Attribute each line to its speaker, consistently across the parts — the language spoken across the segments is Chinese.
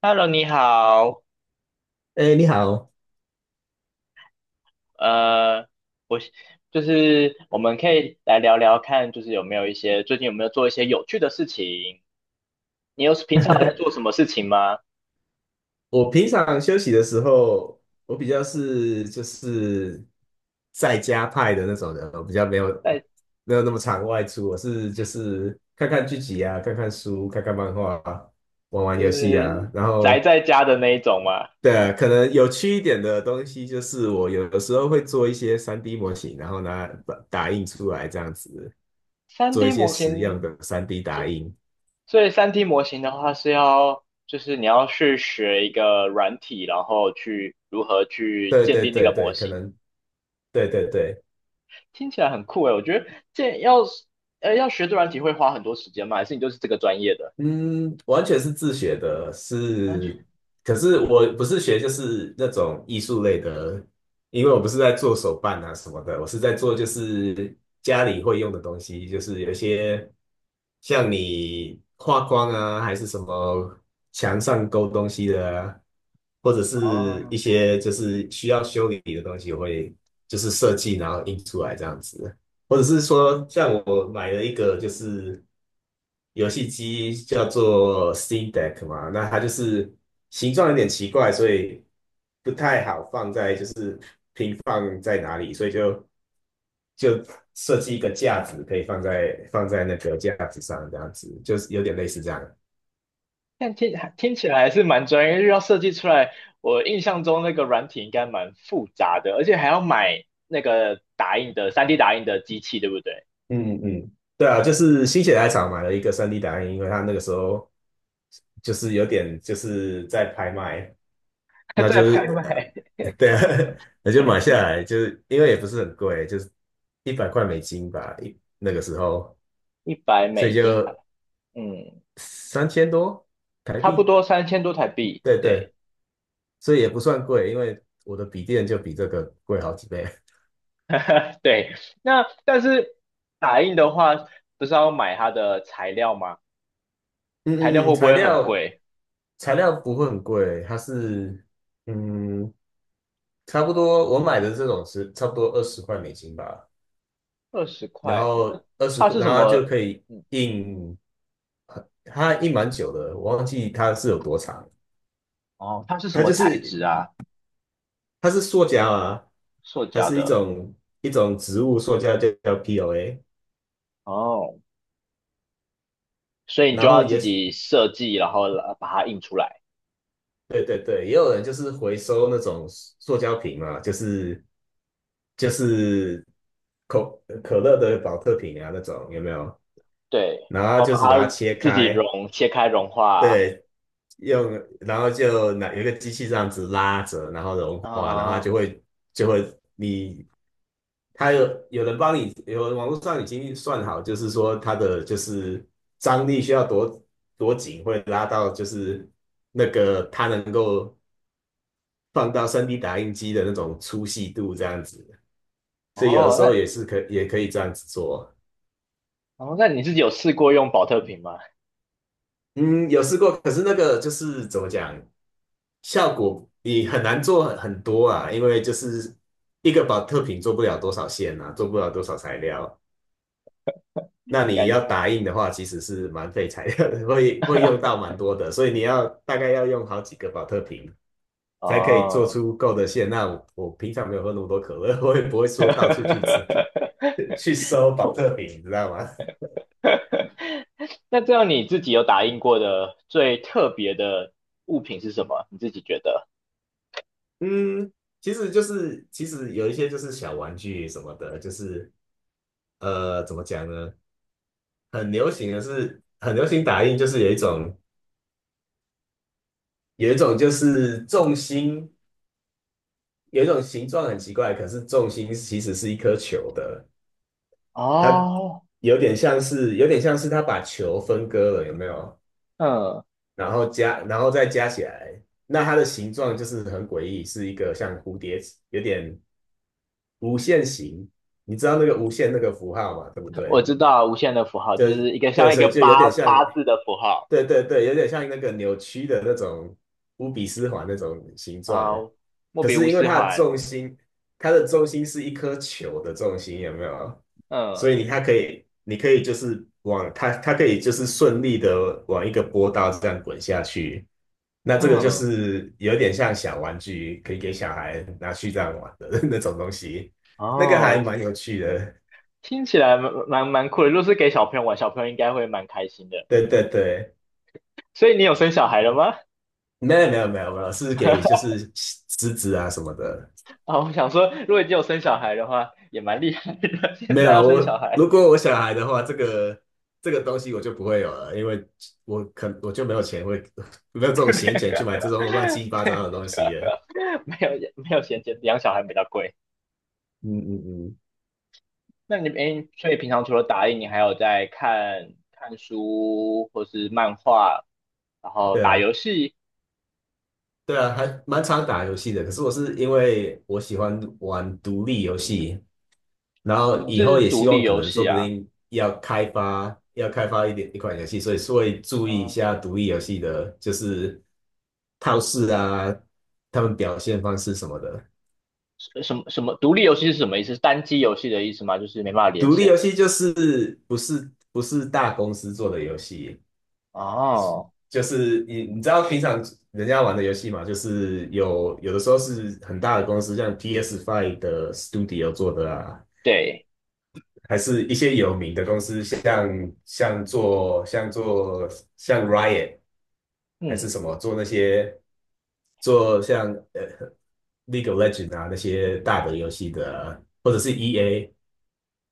Speaker 1: Hello，你好，
Speaker 2: 哎，你好，
Speaker 1: 呃，我就是我们可以来聊聊看，就是有没有一些最近有没有做一些有趣的事情？你平常有在做什 么事情吗？
Speaker 2: 我平常休息的时候，我比较是就是在家派的那种人，我比较没有
Speaker 1: 在
Speaker 2: 没有那么常外出，我是就是看看剧集啊，看看书，看看漫画啊，玩玩
Speaker 1: 就
Speaker 2: 游戏
Speaker 1: 是
Speaker 2: 啊，然
Speaker 1: 宅
Speaker 2: 后
Speaker 1: 在家的那一种吗？
Speaker 2: 对啊，可能有趣一点的东西就是我有的时候会做一些三 d 模型，然后拿打印出来这样子，
Speaker 1: 三
Speaker 2: 做一
Speaker 1: D
Speaker 2: 些
Speaker 1: 模
Speaker 2: 实用的
Speaker 1: 型。
Speaker 2: 三 d 打
Speaker 1: 其
Speaker 2: 印。
Speaker 1: 所以三 D 模型的话是要就是你要去学一个软体，然后去如何去
Speaker 2: 对
Speaker 1: 建
Speaker 2: 对
Speaker 1: 立那个
Speaker 2: 对对，
Speaker 1: 模
Speaker 2: 可
Speaker 1: 型，
Speaker 2: 能对对对。
Speaker 1: 听起来很酷诶，我觉得这要要学这软体会花很多时间吗？还是你就是这个专业的？
Speaker 2: 嗯，完全是自学的，是，可是我不是学就是那种艺术类的，因为我不是在做手办啊什么的，我是在做就是家里会用的东西，就是有一些像你画框啊，还是什么墙上勾东西的啊，或者是
Speaker 1: 哦。
Speaker 2: 一些就是需要修理的东西，我会就是设计然后印出来这样子。或者是
Speaker 1: 哦，
Speaker 2: 说，像我买了一个就是游戏机叫做 Steam Deck 嘛，那它就是形状有点奇怪，所以不太好放在就是平放在哪里，所以就就设计一个架子，可以放在放在那个架子上，这样子就是有点类似这样。
Speaker 1: 但听起来还是蛮专业，因为要设计出来。我印象中那个软体应该蛮复杂的，而且还要买那个打印的三 D 打印的机器，对不对？
Speaker 2: 嗯嗯，对啊，就是心血来潮买了一个 3D 打印，因为它那个时候就是有点就是在拍卖。那
Speaker 1: 在
Speaker 2: 就
Speaker 1: 拍
Speaker 2: 是
Speaker 1: 卖
Speaker 2: 对啊，那就买下来，就是因为也不是很贵，就是100块美金吧，一那个时候，
Speaker 1: 一百
Speaker 2: 所
Speaker 1: 美
Speaker 2: 以就
Speaker 1: 金还，嗯，
Speaker 2: 三千多台
Speaker 1: 差不
Speaker 2: 币，
Speaker 1: 多3000多台币。
Speaker 2: 对对，
Speaker 1: 对。
Speaker 2: 所以也不算贵，因为我的笔电就比这个贵好几倍。
Speaker 1: 对。那但是打印的话，不是要买它的材料吗？材料
Speaker 2: 嗯嗯嗯，
Speaker 1: 会不
Speaker 2: 材
Speaker 1: 会很
Speaker 2: 料
Speaker 1: 贵？
Speaker 2: 材料不会很贵，它是嗯差不多我买的这种是差不多20块美金吧，
Speaker 1: 二十
Speaker 2: 然
Speaker 1: 块，
Speaker 2: 后二十
Speaker 1: 它
Speaker 2: 块，
Speaker 1: 是
Speaker 2: 然
Speaker 1: 什
Speaker 2: 后它就
Speaker 1: 么？
Speaker 2: 可以
Speaker 1: 嗯。
Speaker 2: 印，它印蛮久的，我忘记它是有多长。
Speaker 1: 哦，它是什
Speaker 2: 它
Speaker 1: 么
Speaker 2: 就
Speaker 1: 材
Speaker 2: 是
Speaker 1: 质啊？
Speaker 2: 它是塑胶啊，
Speaker 1: 塑
Speaker 2: 它
Speaker 1: 胶
Speaker 2: 是一
Speaker 1: 的。
Speaker 2: 种一种植物塑胶，就叫 POA。
Speaker 1: 哦，所以你就
Speaker 2: 然
Speaker 1: 要
Speaker 2: 后
Speaker 1: 自
Speaker 2: 也
Speaker 1: 己设计，然后把它印出来，
Speaker 2: 对对对，也有人就是回收那种塑胶瓶嘛，就是可可乐的保特瓶啊那种有没有？
Speaker 1: 对，
Speaker 2: 然
Speaker 1: 然
Speaker 2: 后
Speaker 1: 后
Speaker 2: 就
Speaker 1: 把
Speaker 2: 是把它
Speaker 1: 它
Speaker 2: 切
Speaker 1: 自己
Speaker 2: 开，
Speaker 1: 切开融化
Speaker 2: 对，用，然后就拿有一个机器这样子拉着，然后融化，然后它
Speaker 1: 啊。
Speaker 2: 就会就会你，它有有人帮你，有网络上已经算好，就是说它的就是张力需要多紧，会拉到就是那个它能够放到三 d 打印机的那种粗细度这样子，所以有的
Speaker 1: 哦，
Speaker 2: 时候
Speaker 1: 那
Speaker 2: 也可以这样子做。
Speaker 1: 哦，你自己有试过用保特瓶吗？
Speaker 2: 嗯，有试过，可是那个就是怎么讲？效果你很难做很多啊，因为就是一个保特瓶做不了多少线啊，做不了多少材料。那你
Speaker 1: 感
Speaker 2: 要
Speaker 1: 觉
Speaker 2: 打印的话，其实是蛮费材料的，会用到蛮多的，所以你要大概要用好几个保特瓶才可以做
Speaker 1: 哦。
Speaker 2: 出够的线。那我，我平常没有喝那么多可乐，我也不会说 到处去搜 去收保特瓶，你知道吗？
Speaker 1: 那这样你自己有打印过的最特别的物品是什么？你自己觉得？
Speaker 2: 嗯，其实就是其实有一些就是小玩具什么的，就是怎么讲呢？很流行的是很流行打印，就是有一种就是重心，有一种形状很奇怪，可是重心其实是一颗球的，它
Speaker 1: 哦。
Speaker 2: 有点像是它把球分割了，有没有？
Speaker 1: 嗯，
Speaker 2: 然后加然后再加起来，那它的形状就是很诡异，是一个像蝴蝶，有点无限形。你知道那个无限那个符号嘛，对不
Speaker 1: 我
Speaker 2: 对？
Speaker 1: 知道无限的符号
Speaker 2: 就
Speaker 1: 就是一个
Speaker 2: 对，
Speaker 1: 像一
Speaker 2: 所
Speaker 1: 个
Speaker 2: 以就有
Speaker 1: 八
Speaker 2: 点像
Speaker 1: 八字的符号
Speaker 2: 对对对，有点像那个扭曲的那种乌比斯环那种形状，
Speaker 1: 啊，莫
Speaker 2: 可
Speaker 1: 比
Speaker 2: 是
Speaker 1: 乌
Speaker 2: 因为
Speaker 1: 斯
Speaker 2: 它的
Speaker 1: 环，
Speaker 2: 重心，它的重心是一颗球的重心，有没有？所
Speaker 1: 嗯。
Speaker 2: 以你它可以，你可以就是往它，它可以就是顺利的往一个波道这样滚下去。那这个就
Speaker 1: 嗯。
Speaker 2: 是有点像小玩具，可以给小孩拿去这样玩的 那种东西，那个还
Speaker 1: 哦，
Speaker 2: 蛮有趣的。
Speaker 1: 听起来蛮酷的。如果是给小朋友玩，小朋友应该会蛮开心的。
Speaker 2: 对对对，
Speaker 1: 所以你有生小孩了吗？
Speaker 2: 没有没有没有没有，是给就是狮子啊什么的。
Speaker 1: 啊，我想说，如果你有生小孩的话，也蛮厉害的。现
Speaker 2: 没
Speaker 1: 在要
Speaker 2: 有，
Speaker 1: 生小
Speaker 2: 我
Speaker 1: 孩，
Speaker 2: 如果我小孩的话，这个东西我就不会有了，因为我就没有钱会 没有这 种闲钱去买这种乱七八糟的东西了。
Speaker 1: 没有，没有衔接，养小孩比较贵。
Speaker 2: 嗯嗯嗯，
Speaker 1: 那你诶，所以平常除了打印，你还有在看看书或是漫画，然后
Speaker 2: 对
Speaker 1: 打
Speaker 2: 啊，
Speaker 1: 游戏。
Speaker 2: 对啊，还蛮常打游戏的。可是我是因为我喜欢玩独立游戏，然后
Speaker 1: 你
Speaker 2: 以
Speaker 1: 是
Speaker 2: 后也希
Speaker 1: 独立
Speaker 2: 望可
Speaker 1: 游
Speaker 2: 能说
Speaker 1: 戏
Speaker 2: 不
Speaker 1: 啊？
Speaker 2: 定要开发一款游戏，所以是会注意一下独立游戏的，就是套式啊，他们表现方式什么的。
Speaker 1: 什么独立游戏是什么意思？是单机游戏的意思吗？就是没办法连
Speaker 2: 独立
Speaker 1: 线
Speaker 2: 游
Speaker 1: 的。
Speaker 2: 戏就是不是大公司做的游戏，
Speaker 1: 哦。
Speaker 2: 就是你知道平常人家玩的游戏嘛，就是有的时候是很大的公司，像 P S Five 的 Studio 做的啊，
Speaker 1: 对。
Speaker 2: 还是一些有名的公司，像做像做像 Riot。还是
Speaker 1: 嗯
Speaker 2: 什么做那些做像呃 League of L E G E N D 啊那些大的游戏的，或者是 EA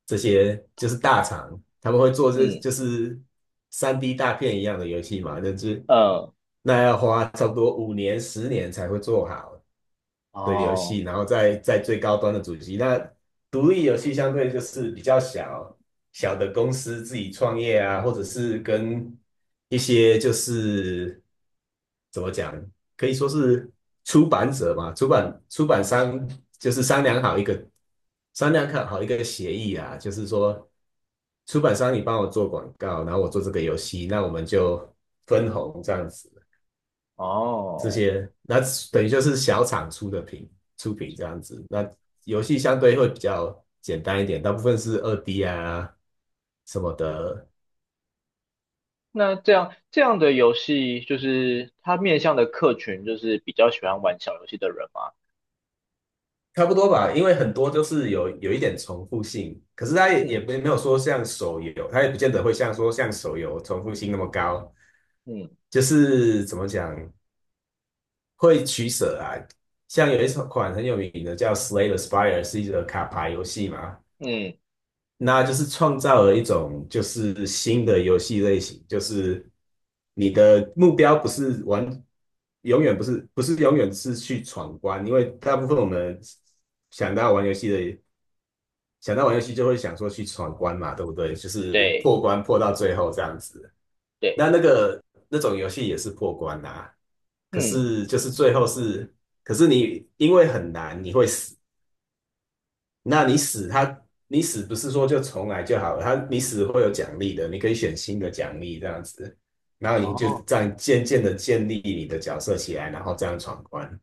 Speaker 2: 这些就是大厂，他们会做这
Speaker 1: 嗯
Speaker 2: 就是三 D 大片一样的游戏嘛，那就是
Speaker 1: 嗯。
Speaker 2: 要花差不多5年10年才会做好，的游
Speaker 1: 哦
Speaker 2: 戏，然后在最高端的主机。那独立游戏相对就是比较小的公司自己创业啊，或者是跟一些就是怎么讲，可以说是出版者嘛，出版商就是商量看好一个协议啊，就是说出版商你帮我做广告，然后我做这个游戏，那我们就分红这样子。这
Speaker 1: 哦，
Speaker 2: 些，那等于就是小厂出品这样子。那游戏相对会比较简单一点，大部分是二 D 啊什么的，
Speaker 1: 那这样的游戏，就是它面向的客群，就是比较喜欢玩小游戏的人吗？
Speaker 2: 差不多吧。因为很多就是有一点重复性，可是它也
Speaker 1: 嗯
Speaker 2: 没有说像手游，它也不见得会像说像手游重复性那么高。
Speaker 1: 嗯
Speaker 2: 就是怎么讲，会取舍啊。像有一款很有名的叫《Slay the Spire》,是一个卡牌游戏嘛。
Speaker 1: 嗯。
Speaker 2: 那就是创造了一种就是新的游戏类型，就是你的目标不是玩，永远不是永远是去闯关，因为大部分我们想到玩游戏的，想到玩游戏就会想说去闯关嘛，对不对？就是
Speaker 1: 对
Speaker 2: 破关破到最后这样子。
Speaker 1: 对。
Speaker 2: 那那个那种游戏也是破关啊，可
Speaker 1: 嗯。
Speaker 2: 是就是最后是，可是你因为很难，你会死。那你死他，你死不是说就重来就好了，他你死会有奖励的，你可以选新的奖励这样子，然后你就
Speaker 1: 哦，
Speaker 2: 这样渐渐的建立你的角色起来，然后这样闯关。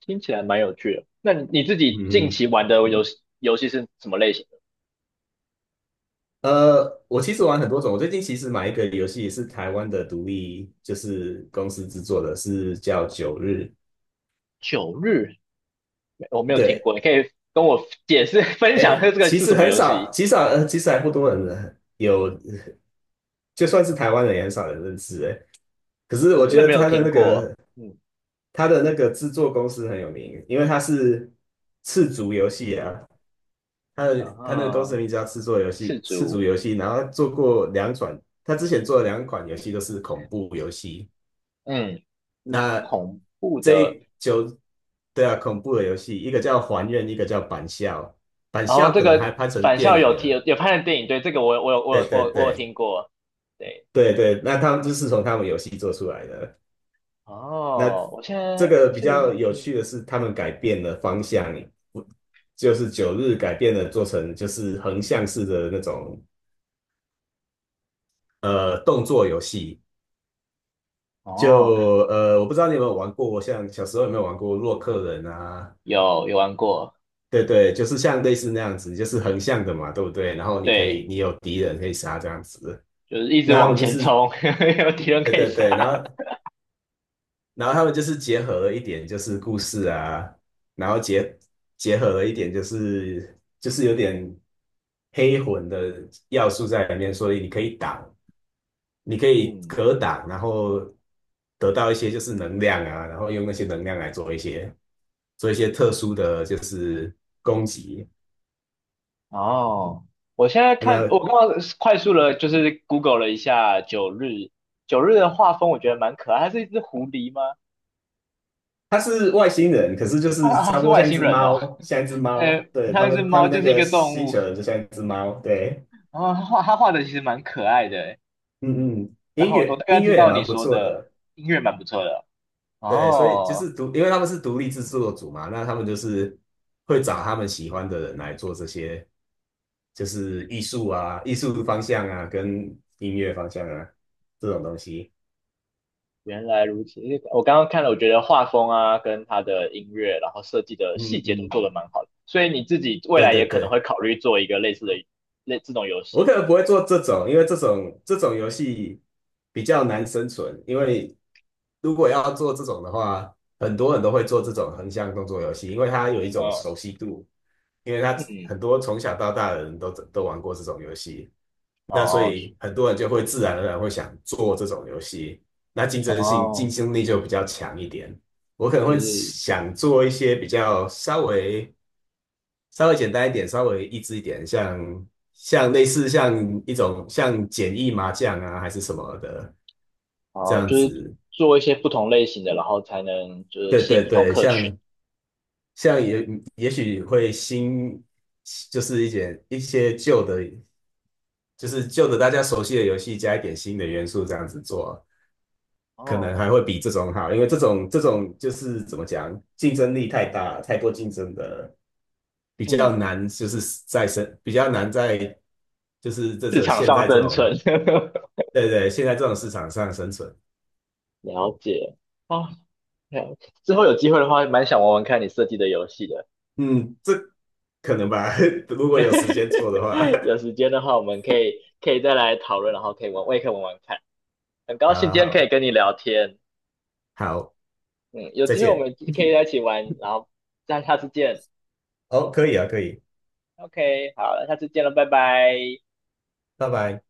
Speaker 1: 听起来蛮有趣的。那你自己近
Speaker 2: 嗯，
Speaker 1: 期玩的游戏是什么类型的？
Speaker 2: 我其实玩很多种，我最近其实买一个游戏是台湾的独立，就是公司制作的，是叫《九日》。
Speaker 1: 九日，没我没有听
Speaker 2: 对，
Speaker 1: 过，你可以跟我解释 分
Speaker 2: 哎，
Speaker 1: 享一下这个
Speaker 2: 其
Speaker 1: 是
Speaker 2: 实
Speaker 1: 什么
Speaker 2: 很
Speaker 1: 游
Speaker 2: 少，
Speaker 1: 戏？
Speaker 2: 极少，其实还不多人有，就算是台湾人也很少人认识，哎。可是
Speaker 1: 我
Speaker 2: 我
Speaker 1: 真
Speaker 2: 觉
Speaker 1: 的
Speaker 2: 得
Speaker 1: 没有
Speaker 2: 他的
Speaker 1: 听
Speaker 2: 那
Speaker 1: 过。
Speaker 2: 个
Speaker 1: 嗯。
Speaker 2: 制作公司很有名，因为他是赤足游戏啊，他
Speaker 1: 然
Speaker 2: 的他那个公司的
Speaker 1: 后
Speaker 2: 名字叫赤足游
Speaker 1: 赤
Speaker 2: 戏，赤足
Speaker 1: 足。
Speaker 2: 游戏，然后他做过两款，他之前做的两款游戏都是恐怖游戏。
Speaker 1: 嗯。
Speaker 2: 那
Speaker 1: 恐怖
Speaker 2: 这
Speaker 1: 的。
Speaker 2: 一就对啊，恐怖的游戏，一个叫《还愿》，一个叫《板校》，《板
Speaker 1: 然后
Speaker 2: 校》
Speaker 1: 这
Speaker 2: 可能还
Speaker 1: 个
Speaker 2: 拍成
Speaker 1: 返
Speaker 2: 电
Speaker 1: 校
Speaker 2: 影
Speaker 1: 有
Speaker 2: 了。
Speaker 1: 有拍的电影，对，这个我有我有我
Speaker 2: 对
Speaker 1: 有
Speaker 2: 对
Speaker 1: 我有我有
Speaker 2: 对
Speaker 1: 听过。对。
Speaker 2: 对对，那他们就是从他们游戏做出来的。那
Speaker 1: 哦，我现
Speaker 2: 这
Speaker 1: 在
Speaker 2: 个比
Speaker 1: 是
Speaker 2: 较有
Speaker 1: 嗯。
Speaker 2: 趣的是，他们改变了方向，不就是九日改变了做成就是横向式的那种动作游戏。
Speaker 1: 哦。
Speaker 2: 我不知道你有没有玩过，像小时候有没有玩过洛克人啊？
Speaker 1: 有玩过。
Speaker 2: 对对，就是像类似那样子，就是横向的嘛，对不对？然后你可以，
Speaker 1: 对，
Speaker 2: 你有敌人可以杀这样子。
Speaker 1: 就是一直
Speaker 2: 那他
Speaker 1: 往
Speaker 2: 们就
Speaker 1: 前
Speaker 2: 是
Speaker 1: 冲，有敌人
Speaker 2: 对
Speaker 1: 可以
Speaker 2: 对对，然
Speaker 1: 杀。
Speaker 2: 后然后他们就是结合了一点就是故事啊，然后结合了一点就是就是有点黑魂的要素在里面，所以你可以挡，你可以
Speaker 1: 嗯。
Speaker 2: 格挡，然后得到一些就是能量啊，然后用那些能量来做一些特殊的就是攻击。
Speaker 1: 哦，我现在看，我刚
Speaker 2: 那
Speaker 1: 刚快速的，就是 Google 了一下九日，九日的画风，我觉得蛮可爱。它是一只狐狸吗？
Speaker 2: 他是外星人，可是就
Speaker 1: 啊
Speaker 2: 是
Speaker 1: 啊，
Speaker 2: 差不
Speaker 1: 是
Speaker 2: 多
Speaker 1: 外
Speaker 2: 像一
Speaker 1: 星
Speaker 2: 只
Speaker 1: 人哦。
Speaker 2: 猫，像一只猫。对，他
Speaker 1: 它是
Speaker 2: 们，他
Speaker 1: 猫，
Speaker 2: 们那
Speaker 1: 就是一
Speaker 2: 个
Speaker 1: 个动
Speaker 2: 星
Speaker 1: 物。
Speaker 2: 球人就像一只猫。对，
Speaker 1: 然后它画的其实蛮可爱的欸。
Speaker 2: 嗯嗯，
Speaker 1: 然
Speaker 2: 音
Speaker 1: 后我大
Speaker 2: 乐
Speaker 1: 概
Speaker 2: 音
Speaker 1: 知
Speaker 2: 乐也
Speaker 1: 道你
Speaker 2: 蛮不
Speaker 1: 说
Speaker 2: 错
Speaker 1: 的
Speaker 2: 的，
Speaker 1: 音乐蛮不错的。
Speaker 2: 对，所以就
Speaker 1: 哦，
Speaker 2: 是独，因为他们是独立制作组嘛，那他们就是会找他们喜欢的人来做这些，就是艺术啊、艺术方向啊，跟音乐方向啊这种东西。
Speaker 1: 原来如此。我刚刚看了，我觉得画风啊，跟它的音乐，然后设计的细
Speaker 2: 嗯
Speaker 1: 节都
Speaker 2: 嗯，
Speaker 1: 做得蛮好的。所以你自己未
Speaker 2: 对
Speaker 1: 来
Speaker 2: 对
Speaker 1: 也可能
Speaker 2: 对。
Speaker 1: 会考虑做一个类似的这种游
Speaker 2: 我
Speaker 1: 戏。
Speaker 2: 可能不会做这种，因为这种游戏比较难生存。因为如果要做这种的话，很多人都会做这种横向动作游戏，因为它有一种
Speaker 1: 嗯
Speaker 2: 熟悉度，因为它
Speaker 1: 嗯。
Speaker 2: 很多从小到大的人都玩过这种游戏，那所
Speaker 1: 哦
Speaker 2: 以很多人就会自然而然会想做这种游戏，那竞争性竞
Speaker 1: 哦，
Speaker 2: 争力就比较强一点。我可能
Speaker 1: 就
Speaker 2: 会
Speaker 1: 是
Speaker 2: 想做一些比较稍微简单一点，稍微益智一点，像类似像一种像简易麻将啊，还是什么的这
Speaker 1: 哦，
Speaker 2: 样
Speaker 1: 就是
Speaker 2: 子。
Speaker 1: 做一些不同类型的，然后才能就是
Speaker 2: 对
Speaker 1: 吸引
Speaker 2: 对
Speaker 1: 不同
Speaker 2: 对，
Speaker 1: 客群。
Speaker 2: 像也许会新，就是一点一些旧的，就是旧的大家熟悉的游戏加一点新的元素这样子做。可能
Speaker 1: 哦。
Speaker 2: 还会比这种好，因为这种就是怎么讲，竞争力太大，太多竞争的，比
Speaker 1: 嗯。
Speaker 2: 较难，就是在生比较难在就是这
Speaker 1: 市
Speaker 2: 这
Speaker 1: 场
Speaker 2: 现
Speaker 1: 上
Speaker 2: 在这
Speaker 1: 生
Speaker 2: 种
Speaker 1: 存。
Speaker 2: 对对现在这种市场上生存，
Speaker 1: 了解。哦，了解之后有机会的话，蛮想玩玩看你设计的游戏的。
Speaker 2: 嗯，这可能吧，如果有时间做的话，
Speaker 1: 有时间的话，我们可以再来讨论，然后可以玩，我也可以玩玩看。很高 兴
Speaker 2: 好
Speaker 1: 今天可以
Speaker 2: 好
Speaker 1: 跟你聊天，
Speaker 2: 好，
Speaker 1: 嗯，有
Speaker 2: 再
Speaker 1: 机会我
Speaker 2: 见，
Speaker 1: 们可以在一起玩，然后这样下次见。
Speaker 2: 哦，可以啊，可以，
Speaker 1: OK，好了，下次见了，拜拜。
Speaker 2: 拜拜。